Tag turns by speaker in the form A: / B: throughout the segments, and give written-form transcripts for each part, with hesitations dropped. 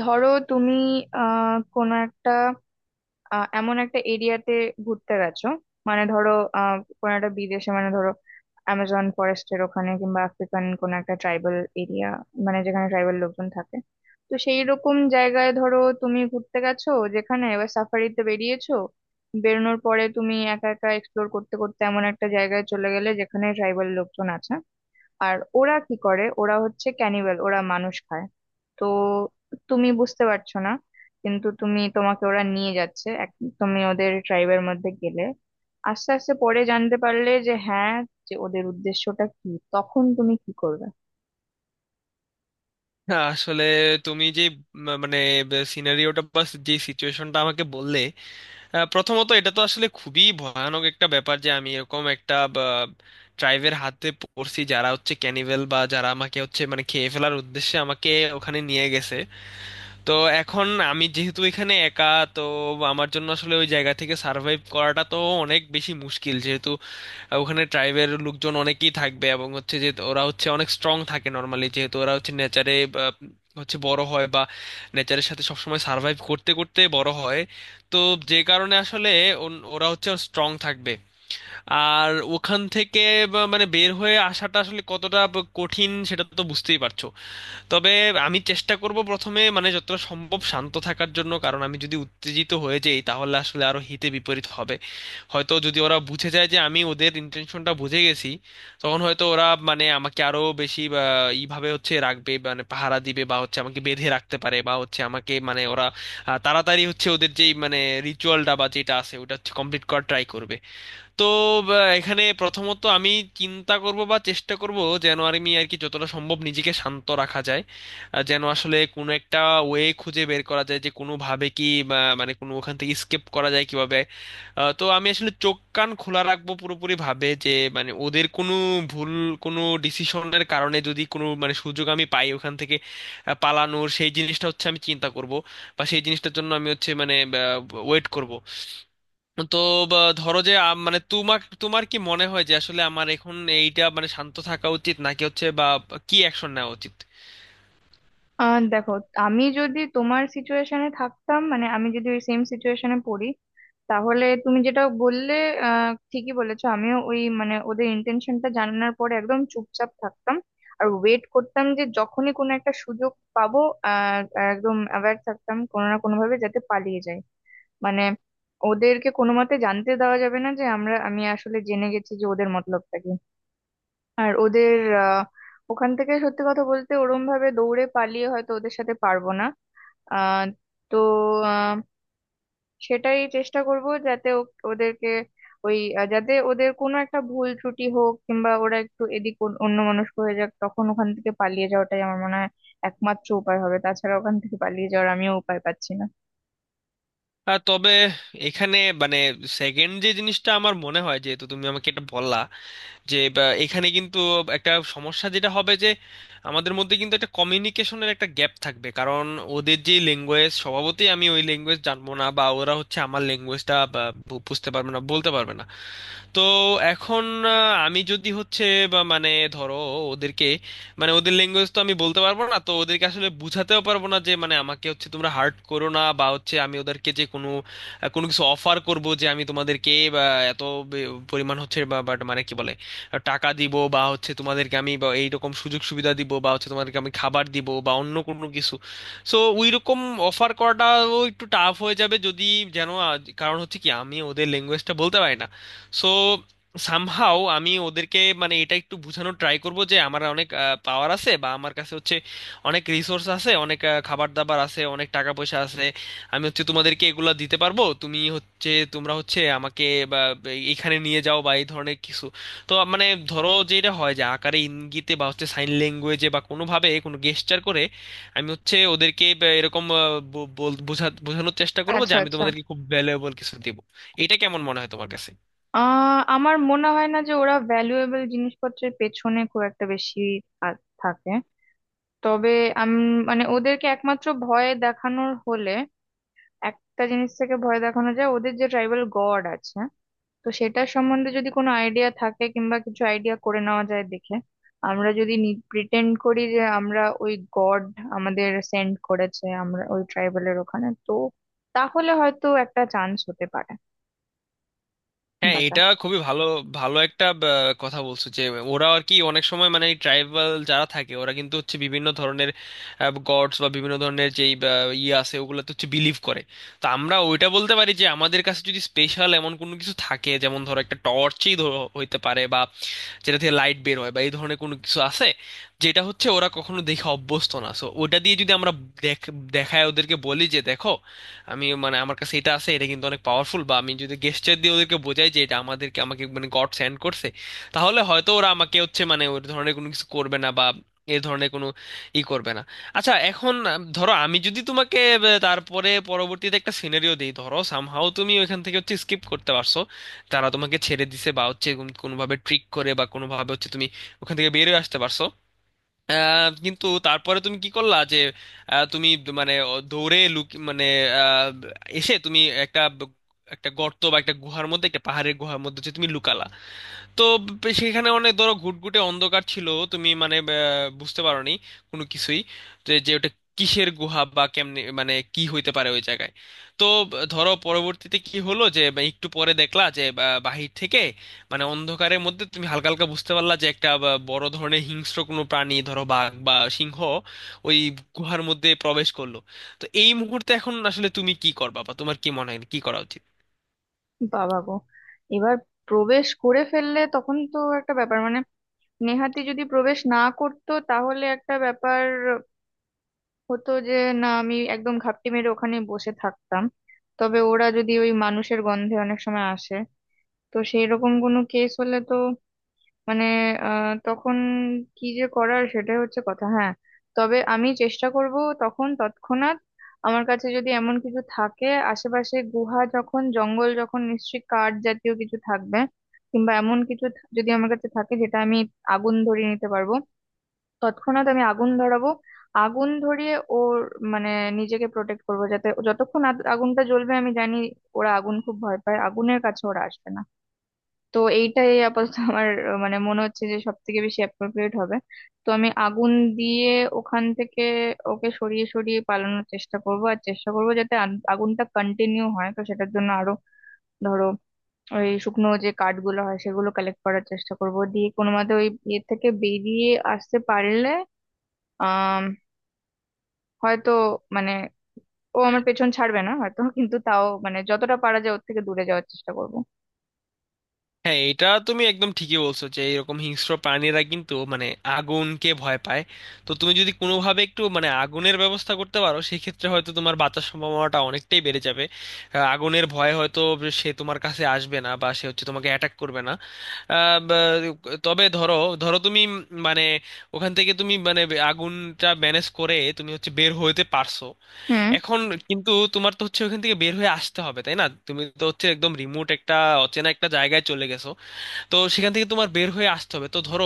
A: ধরো তুমি কোনো একটা এমন একটা এরিয়াতে ঘুরতে গেছো। মানে ধরো কোনো একটা বিদেশে, মানে ধরো অ্যামাজন ফরেস্টের ওখানে কিংবা আফ্রিকান কোনো একটা ট্রাইবাল এরিয়া, মানে যেখানে ট্রাইবাল লোকজন থাকে। তো সেই রকম জায়গায় ধরো তুমি ঘুরতে গেছো, যেখানে এবার সাফারিতে বেরিয়েছো। বেরোনোর পরে তুমি একা একা এক্সপ্লোর করতে করতে এমন একটা জায়গায় চলে গেলে যেখানে ট্রাইবাল লোকজন আছে। আর ওরা কি করে, ওরা হচ্ছে ক্যানিবাল, ওরা মানুষ খায়। তো তুমি বুঝতে পারছো না, কিন্তু তুমি, তোমাকে ওরা নিয়ে যাচ্ছে এক, তুমি ওদের ট্রাইবের মধ্যে গেলে। আস্তে আস্তে পরে জানতে পারলে যে হ্যাঁ, যে ওদের উদ্দেশ্যটা কি। তখন তুমি কি করবে?
B: না, আসলে তুমি যে মানে সিনারিওটা বা যে সিচুয়েশনটা আমাকে বললে, প্রথমত এটা তো আসলে খুবই ভয়ানক একটা ব্যাপার যে আমি এরকম একটা ট্রাইবের হাতে পড়ছি যারা হচ্ছে ক্যানিভেল, বা যারা আমাকে হচ্ছে মানে খেয়ে ফেলার উদ্দেশ্যে আমাকে ওখানে নিয়ে গেছে। তো এখন আমি যেহেতু এখানে একা, তো আমার জন্য আসলে ওই জায়গা থেকে সার্ভাইভ করাটা তো অনেক বেশি মুশকিল, যেহেতু আর ওখানে ট্রাইবের লোকজন অনেকেই থাকবে, এবং হচ্ছে যে ওরা হচ্ছে অনেক স্ট্রং থাকে নর্মালি যেহেতু ওরা হচ্ছে নেচারে হচ্ছে বড় হয়, বা নেচারের সাথে সবসময় সার্ভাইভ করতে করতে বড় হয়। তো যে কারণে আসলে ওরা হচ্ছে স্ট্রং থাকবে। আর ওখান থেকে মানে বের হয়ে আসাটা আসলে কতটা কঠিন সেটা তো বুঝতেই পারছো। তবে আমি চেষ্টা করব প্রথমে মানে যতটা সম্ভব শান্ত থাকার জন্য, কারণ আমি যদি উত্তেজিত হয়ে যাই তাহলে আসলে আরো হিতে বিপরীত হবে। হয়তো যদি ওরা বুঝে যায় যে আমি ওদের ইন্টেনশনটা বুঝে গেছি, তখন হয়তো ওরা মানে আমাকে আরো বেশি এইভাবে হচ্ছে রাখবে, মানে পাহারা দিবে, বা হচ্ছে আমাকে বেঁধে রাখতে পারে, বা হচ্ছে আমাকে মানে ওরা তাড়াতাড়ি হচ্ছে ওদের যেই মানে রিচুয়ালটা বা যেটা আছে ওটা হচ্ছে কমপ্লিট করার ট্রাই করবে। তো এখানে প্রথমত আমি চিন্তা করব বা চেষ্টা করব যেন, আর আমি আর কি যতটা সম্ভব নিজেকে শান্ত রাখা যায়, যেন আসলে কোনো একটা ওয়ে খুঁজে বের করা যায় যে কোনোভাবে কি মানে কোনো ওখান থেকে স্কেপ করা যায় কিভাবে। তো আমি আসলে চোখ কান খোলা রাখবো পুরোপুরি ভাবে যে মানে ওদের কোনো ভুল, কোনো ডিসিশনের কারণে যদি কোনো মানে সুযোগ আমি পাই ওখান থেকে পালানোর, সেই জিনিসটা হচ্ছে আমি চিন্তা করব, বা সেই জিনিসটার জন্য আমি হচ্ছে মানে ওয়েট করব। তো ধরো যে মানে তোমার তোমার কি মনে হয় যে আসলে আমার এখন এইটা মানে শান্ত থাকা উচিত নাকি হচ্ছে বা কি অ্যাকশন নেওয়া উচিত?
A: দেখো, আমি যদি তোমার সিচুয়েশনে থাকতাম, মানে আমি যদি ওই সেম সিচুয়েশনে পড়ি, তাহলে তুমি যেটা বললে ঠিকই বলেছো, আমিও ওই মানে ওদের ইন্টেনশনটা জানানোর পরে একদম চুপচাপ থাকতাম। আর ওয়েট করতাম যে যখনই কোনো একটা সুযোগ পাবো, আহ একদম অ্যাওয়্যার থাকতাম, কোনো না কোনো ভাবে যাতে পালিয়ে যায়। মানে ওদেরকে কোনো মতে জানতে দেওয়া যাবে না যে আমরা, আমি আসলে জেনে গেছি যে ওদের মতলবটা কি। আর ওদের আহ ওখান থেকে সত্যি কথা বলতে ওরম ভাবে দৌড়ে পালিয়ে হয়তো ওদের সাথে পারবো না। আহ তো সেটাই চেষ্টা করব যাতে ওদেরকে ওই যাতে ওদের কোনো একটা ভুল ত্রুটি হোক কিংবা ওরা একটু এদিক অন্য মানুষ হয়ে যাক, তখন ওখান থেকে পালিয়ে যাওয়াটাই আমার মনে হয় একমাত্র উপায় হবে। তাছাড়া ওখান থেকে পালিয়ে যাওয়ার আমিও উপায় পাচ্ছি না।
B: তবে এখানে মানে সেকেন্ড যে জিনিসটা আমার মনে হয়, যেহেতু তুমি আমাকে এটা বললা যে এখানে কিন্তু একটা সমস্যা যেটা হবে যে আমাদের মধ্যে কিন্তু একটা কমিউনিকেশনের একটা গ্যাপ থাকবে, কারণ ওদের যে ল্যাঙ্গুয়েজ স্বভাবতই আমি ওই ল্যাঙ্গুয়েজ জানবো না, বা ওরা হচ্ছে আমার ল্যাঙ্গুয়েজটা বুঝতে পারবে না, বলতে পারবে না। তো এখন আমি যদি হচ্ছে বা মানে, ধরো, ওদেরকে মানে ওদের ল্যাঙ্গুয়েজ তো আমি বলতে পারবো না, তো ওদেরকে আসলে বুঝাতেও পারবো না যে মানে আমাকে হচ্ছে তোমরা হার্ট করো না, বা হচ্ছে আমি ওদেরকে যে কোনো কোনো কিছু অফার করব যে আমি তোমাদেরকে বা এত পরিমাণ হচ্ছে বা বাট মানে কি বলে টাকা দিব, বা হচ্ছে তোমাদেরকে আমি বা এইরকম সুযোগ সুবিধা দিব, বা হচ্ছে তোমাদেরকে আমি খাবার দিব বা অন্য কোনো কিছু। সো ওই রকম অফার করাটাও একটু টাফ হয়ে যাবে যদি যেন, কারণ হচ্ছে কি আমি ওদের ল্যাঙ্গুয়েজটা বলতে পারি না। সো সামহাও আমি ওদেরকে মানে এটা একটু বোঝানোর ট্রাই করব যে আমার অনেক পাওয়ার আছে, বা আমার কাছে হচ্ছে অনেক রিসোর্স আছে, অনেক খাবার দাবার আছে, অনেক টাকা পয়সা আছে, আমি হচ্ছে তোমাদেরকে এগুলা দিতে পারবো, তুমি হচ্ছে তোমরা হচ্ছে আমাকে বা এখানে নিয়ে যাও, বা এই ধরনের কিছু। তো মানে ধরো যে এটা হয় যে আকারে ইঙ্গিতে বা হচ্ছে সাইন ল্যাঙ্গুয়েজে বা কোনোভাবে কোনো গেস্টার করে আমি হচ্ছে ওদেরকে বা এরকম বোঝানোর চেষ্টা করবো যে
A: আচ্ছা,
B: আমি
A: আচ্ছা।
B: তোমাদেরকে খুব ভ্যালুয়েবল কিছু দেবো। এটা কেমন মনে হয় তোমার কাছে?
A: আমার মনে হয় না যে ওরা ভ্যালুয়েবল জিনিসপত্রের পেছনে খুব একটা বেশি থাকে। তবে আমি, মানে ওদেরকে একমাত্র ভয় দেখানোর হলে একটা জিনিস থেকে ভয় দেখানো যায় ওদের, যে ট্রাইবাল গড আছে। তো সেটার সম্বন্ধে যদি কোনো আইডিয়া থাকে কিংবা কিছু আইডিয়া করে নেওয়া যায় দেখে, আমরা যদি প্রিটেন্ড করি যে আমরা ওই গড আমাদের সেন্ড করেছে আমরা ওই ট্রাইবেলের ওখানে, তো তাহলে হয়তো একটা চান্স হতে পারে
B: হ্যাঁ,
A: বাঁচা।
B: এটা খুবই ভালো, ভালো একটা কথা বলছো যে ওরা আর কি অনেক সময় মানে ট্রাইবাল যারা থাকে, ওরা কিন্তু হচ্ছে বিভিন্ন ধরনের গডস বা বিভিন্ন ধরনের যেই ইয়ে আছে ওগুলো তো হচ্ছে বিলিভ করে। তো আমরা ওইটা বলতে পারি যে আমাদের কাছে যদি স্পেশাল এমন কোনো কিছু থাকে, যেমন ধরো একটা টর্চই হইতে পারে, বা যেটা থেকে লাইট বের হয় বা এই ধরনের কোনো কিছু আছে যেটা হচ্ছে ওরা কখনো দেখে অভ্যস্ত না, সো ওটা দিয়ে যদি আমরা দেখায় ওদেরকে বলি যে, দেখো, আমি মানে আমার কাছে এটা আছে, এটা কিন্তু অনেক পাওয়ারফুল, বা আমি যদি গেস্টার দিয়ে ওদেরকে বোঝাই যে এটা আমাদেরকে আমাকে মানে গড সেন্ড করছে, তাহলে হয়তো ওরা আমাকে হচ্ছে মানে ওই ধরনের কোনো কিছু করবে না, বা এই ধরনের কোনো ই করবে না। আচ্ছা, এখন ধরো আমি যদি তোমাকে তারপরে পরবর্তীতে একটা সিনারিও দিই, ধরো সামহাও তুমি ওইখান থেকে হচ্ছে স্কিপ করতে পারছো, তারা তোমাকে ছেড়ে দিছে বা হচ্ছে কোনোভাবে ট্রিক করে বা কোনোভাবে হচ্ছে তুমি ওখান থেকে বেরিয়ে আসতে পারছো। কিন্তু তারপরে তুমি কি করলা যে তুমি মানে দৌড়ে লুক মানে আহ, এসে তুমি একটা একটা গর্ত বা একটা গুহার মধ্যে, একটা পাহাড়ের গুহার মধ্যে যে তুমি লুকালা। তো সেখানে অনেক ধরো ঘুটঘুটে অন্ধকার ছিল, তুমি মানে বুঝতে পারোনি কোনো কিছুই যে যে ওটা কিসের গুহা বা কেমনে মানে কি হইতে পারে ওই জায়গায়। তো ধরো পরবর্তীতে কি হলো যে বা একটু পরে দেখলা যে বাহির থেকে মানে অন্ধকারের মধ্যে তুমি হালকা হালকা বুঝতে পারলা যে একটা বড় ধরনের হিংস্র কোনো প্রাণী, ধরো বাঘ বা সিংহ, ওই গুহার মধ্যে প্রবেশ করলো। তো এই মুহূর্তে এখন আসলে তুমি কি করবা, বা তোমার কি মনে হয় কি করা উচিত?
A: বাবা গো, এবার প্রবেশ করে ফেললে তখন তো একটা ব্যাপার, মানে নেহাতি যদি প্রবেশ না করতো তাহলে একটা ব্যাপার হতো যে না, আমি একদম ঘাপটি মেরে ওখানে বসে থাকতাম। তবে ওরা যদি ওই মানুষের গন্ধে অনেক সময় আসে, তো সেই রকম কোনো কেস হলে তো মানে তখন কি যে করার, সেটাই হচ্ছে কথা। হ্যাঁ, তবে আমি চেষ্টা করব তখন তৎক্ষণাৎ, আমার কাছে যদি এমন কিছু থাকে। আশেপাশে গুহা যখন, জঙ্গল যখন, নিশ্চয়ই কাঠ জাতীয় কিছু থাকবে, কিংবা এমন কিছু যদি আমার কাছে থাকে যেটা আমি আগুন ধরিয়ে নিতে পারবো, তৎক্ষণাৎ আমি আগুন ধরাবো। আগুন ধরিয়ে ওর মানে নিজেকে প্রোটেক্ট করবো, যাতে ও যতক্ষণ আগুনটা জ্বলবে আমি জানি ওরা আগুন খুব ভয় পায়, আগুনের কাছে ওরা আসবে না। তো এইটাই আপাতত আমার মানে মনে হচ্ছে যে সব থেকে বেশি অ্যাপ্রোপ্রিয়েট হবে। তো আমি আগুন দিয়ে ওখান থেকে ওকে সরিয়ে সরিয়ে পালানোর চেষ্টা করব। আর চেষ্টা করব যাতে আগুনটা কন্টিনিউ হয়, তো সেটার জন্য আরো ধরো ওই শুকনো যে কাঠগুলো হয় সেগুলো কালেক্ট করার চেষ্টা করব, দিয়ে কোনো মতে ওই ইয়ে থেকে বেরিয়ে আসতে পারলে আহ হয়তো মানে ও আমার পেছন ছাড়বে না হয়তো, কিন্তু তাও মানে যতটা পারা যায় ওর থেকে দূরে যাওয়ার চেষ্টা করব।
B: হ্যাঁ, এটা তুমি একদম ঠিকই বলছো যে এরকম হিংস্র প্রাণীরা কিন্তু মানে আগুনকে ভয় পায়। তো তুমি যদি কোনোভাবে একটু মানে আগুনের ব্যবস্থা করতে পারো, সেক্ষেত্রে হয়তো তোমার বাঁচার সম্ভাবনাটা অনেকটাই বেড়ে যাবে। আগুনের ভয়ে হয়তো সে তোমার কাছে আসবে না, বা সে হচ্ছে তোমাকে অ্যাটাক করবে না। আহ, বা- তবে ধরো ধরো তুমি মানে ওখান থেকে তুমি মানে আগুনটা ম্যানেজ করে তুমি হচ্ছে বের হইতে পারছো।
A: হুম,
B: এখন কিন্তু তোমার তো হচ্ছে ওখান থেকে বের হয়ে আসতে হবে তাই না? তুমি তো হচ্ছে একদম রিমোট একটা, অচেনা একটা জায়গায় চলে গেছো, তো সেখান থেকে তোমার বের হয়ে আসতে হবে। তো ধরো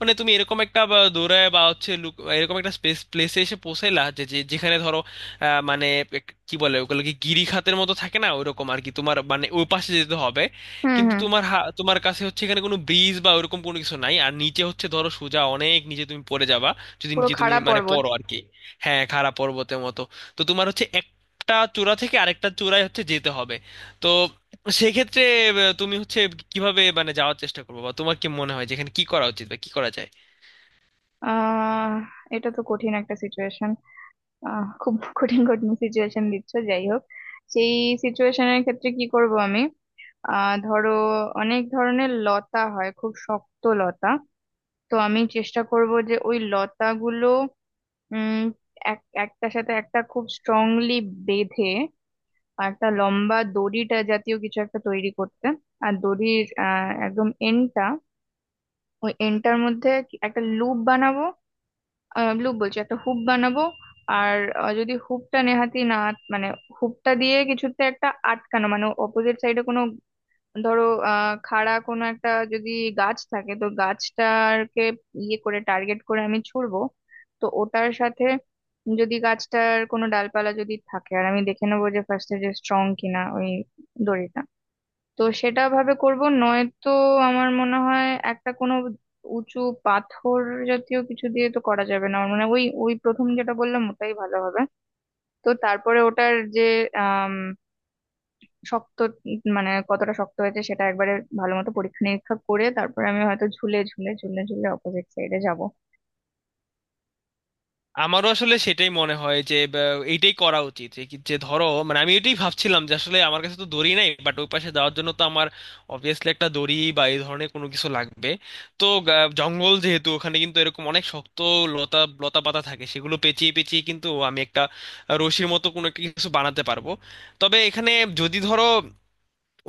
B: মানে তুমি এরকম একটা দৌড়ায় বা হচ্ছে লুক- এরকম একটা স্পেস প্লেসে এসে পৌঁছাইলা যে যে- যেখানে ধরো মানে কি বলে ওগুলোকে, গিরিখাতের মতো থাকে না, ওইরকম আর কি, তোমার মানে ওই পাশে যেতে হবে।
A: হুম।
B: কিন্তু
A: হুম,
B: তোমার কাছে হচ্ছে এখানে কোনো ব্রিজ বা ওরকম কোনো কিছু নাই, আর নিচে হচ্ছে ধরো সোজা অনেক নিচে তুমি পড়ে যাবা যদি
A: পুরো
B: নিচে তুমি
A: খাড়া
B: মানে
A: পর্বত।
B: পড়ো আর কি। হ্যাঁ, খাড়া পর্বতের মতো। তো তোমার হচ্ছে একটা চূড়া থেকে আরেকটা চূড়ায় হচ্ছে যেতে হবে। তো সেক্ষেত্রে তুমি হচ্ছে কিভাবে মানে যাওয়ার চেষ্টা করবো, বা তোমার কি মনে হয় যেখানে কি করা উচিত বা কি করা যায়?
A: আহ এটা তো কঠিন একটা সিচুয়েশন, খুব কঠিন কঠিন সিচুয়েশন দিচ্ছ। যাই হোক, সেই সিচুয়েশনের ক্ষেত্রে কি করব আমি? ধরো অনেক ধরনের লতা হয়, খুব শক্ত লতা। তো আমি চেষ্টা করব যে ওই লতাগুলো উম এক একটার সাথে একটা খুব স্ট্রংলি বেঁধে আর একটা লম্বা দড়িটা জাতীয় কিছু একটা তৈরি করতে। আর দড়ির একদম এন্ডটা, ওই এন্ডটার মধ্যে একটা লুপ বানাবো। ব্লু বলছি, একটা হুপ বানাবো। আর যদি হুপটা নেহাতি না মানে হুপটা দিয়ে কিছুতে একটা আটকানো, মানে অপোজিট সাইডে কোনো, ধরো খাড়া কোনো একটা যদি গাছ থাকে, তো গাছটাকে ইয়ে করে টার্গেট করে আমি ছুড়বো। তো ওটার সাথে যদি গাছটার কোনো ডালপালা যদি থাকে, আর আমি দেখে নেবো যে ফার্স্টে যে স্ট্রং কিনা ওই দড়িটা, তো সেটা ভাবে করব। নয়তো আমার মনে হয় একটা কোনো উঁচু পাথর জাতীয় কিছু দিয়ে তো করা যাবে না, আমার মনে হয় ওই ওই প্রথম যেটা বললাম ওটাই ভালো হবে। তো তারপরে ওটার যে আম, শক্ত, মানে কতটা শক্ত হয়েছে সেটা একবারে ভালো মতো পরীক্ষা নিরীক্ষা করে তারপরে আমি হয়তো ঝুলে ঝুলে ঝুলে ঝুলে অপোজিট সাইডে যাব।
B: আমারও আসলে সেটাই মনে হয় যে এইটাই করা উচিত যে যে ধরো মানে আমি এটাই ভাবছিলাম যে আসলে আমার কাছে তো দড়ি নাই, বাট ওই পাশে যাওয়ার জন্য তো আমার অবভিয়াসলি একটা দড়ি বা এই ধরনের কোনো কিছু লাগবে। তো জঙ্গল যেহেতু ওখানে কিন্তু এরকম অনেক শক্ত লতা, লতা পাতা থাকে, সেগুলো পেঁচিয়ে পেঁচিয়ে কিন্তু আমি একটা রশির মতো কোনো একটা কিছু বানাতে পারবো। তবে এখানে যদি ধরো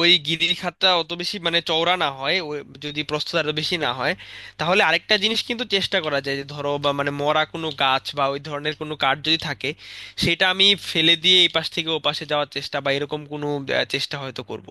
B: ওই গিরিল খাতটা অত বেশি মানে চওড়া না হয়, ওই যদি প্রস্থতা এত বেশি না হয়, তাহলে আরেকটা জিনিস কিন্তু চেষ্টা করা যায় যে ধরো, বা মানে, মরা কোনো গাছ বা ওই ধরনের কোনো কাঠ যদি থাকে, সেটা আমি ফেলে দিয়ে এই পাশ থেকে ও পাশে যাওয়ার চেষ্টা বা এরকম কোনো চেষ্টা হয়তো করব।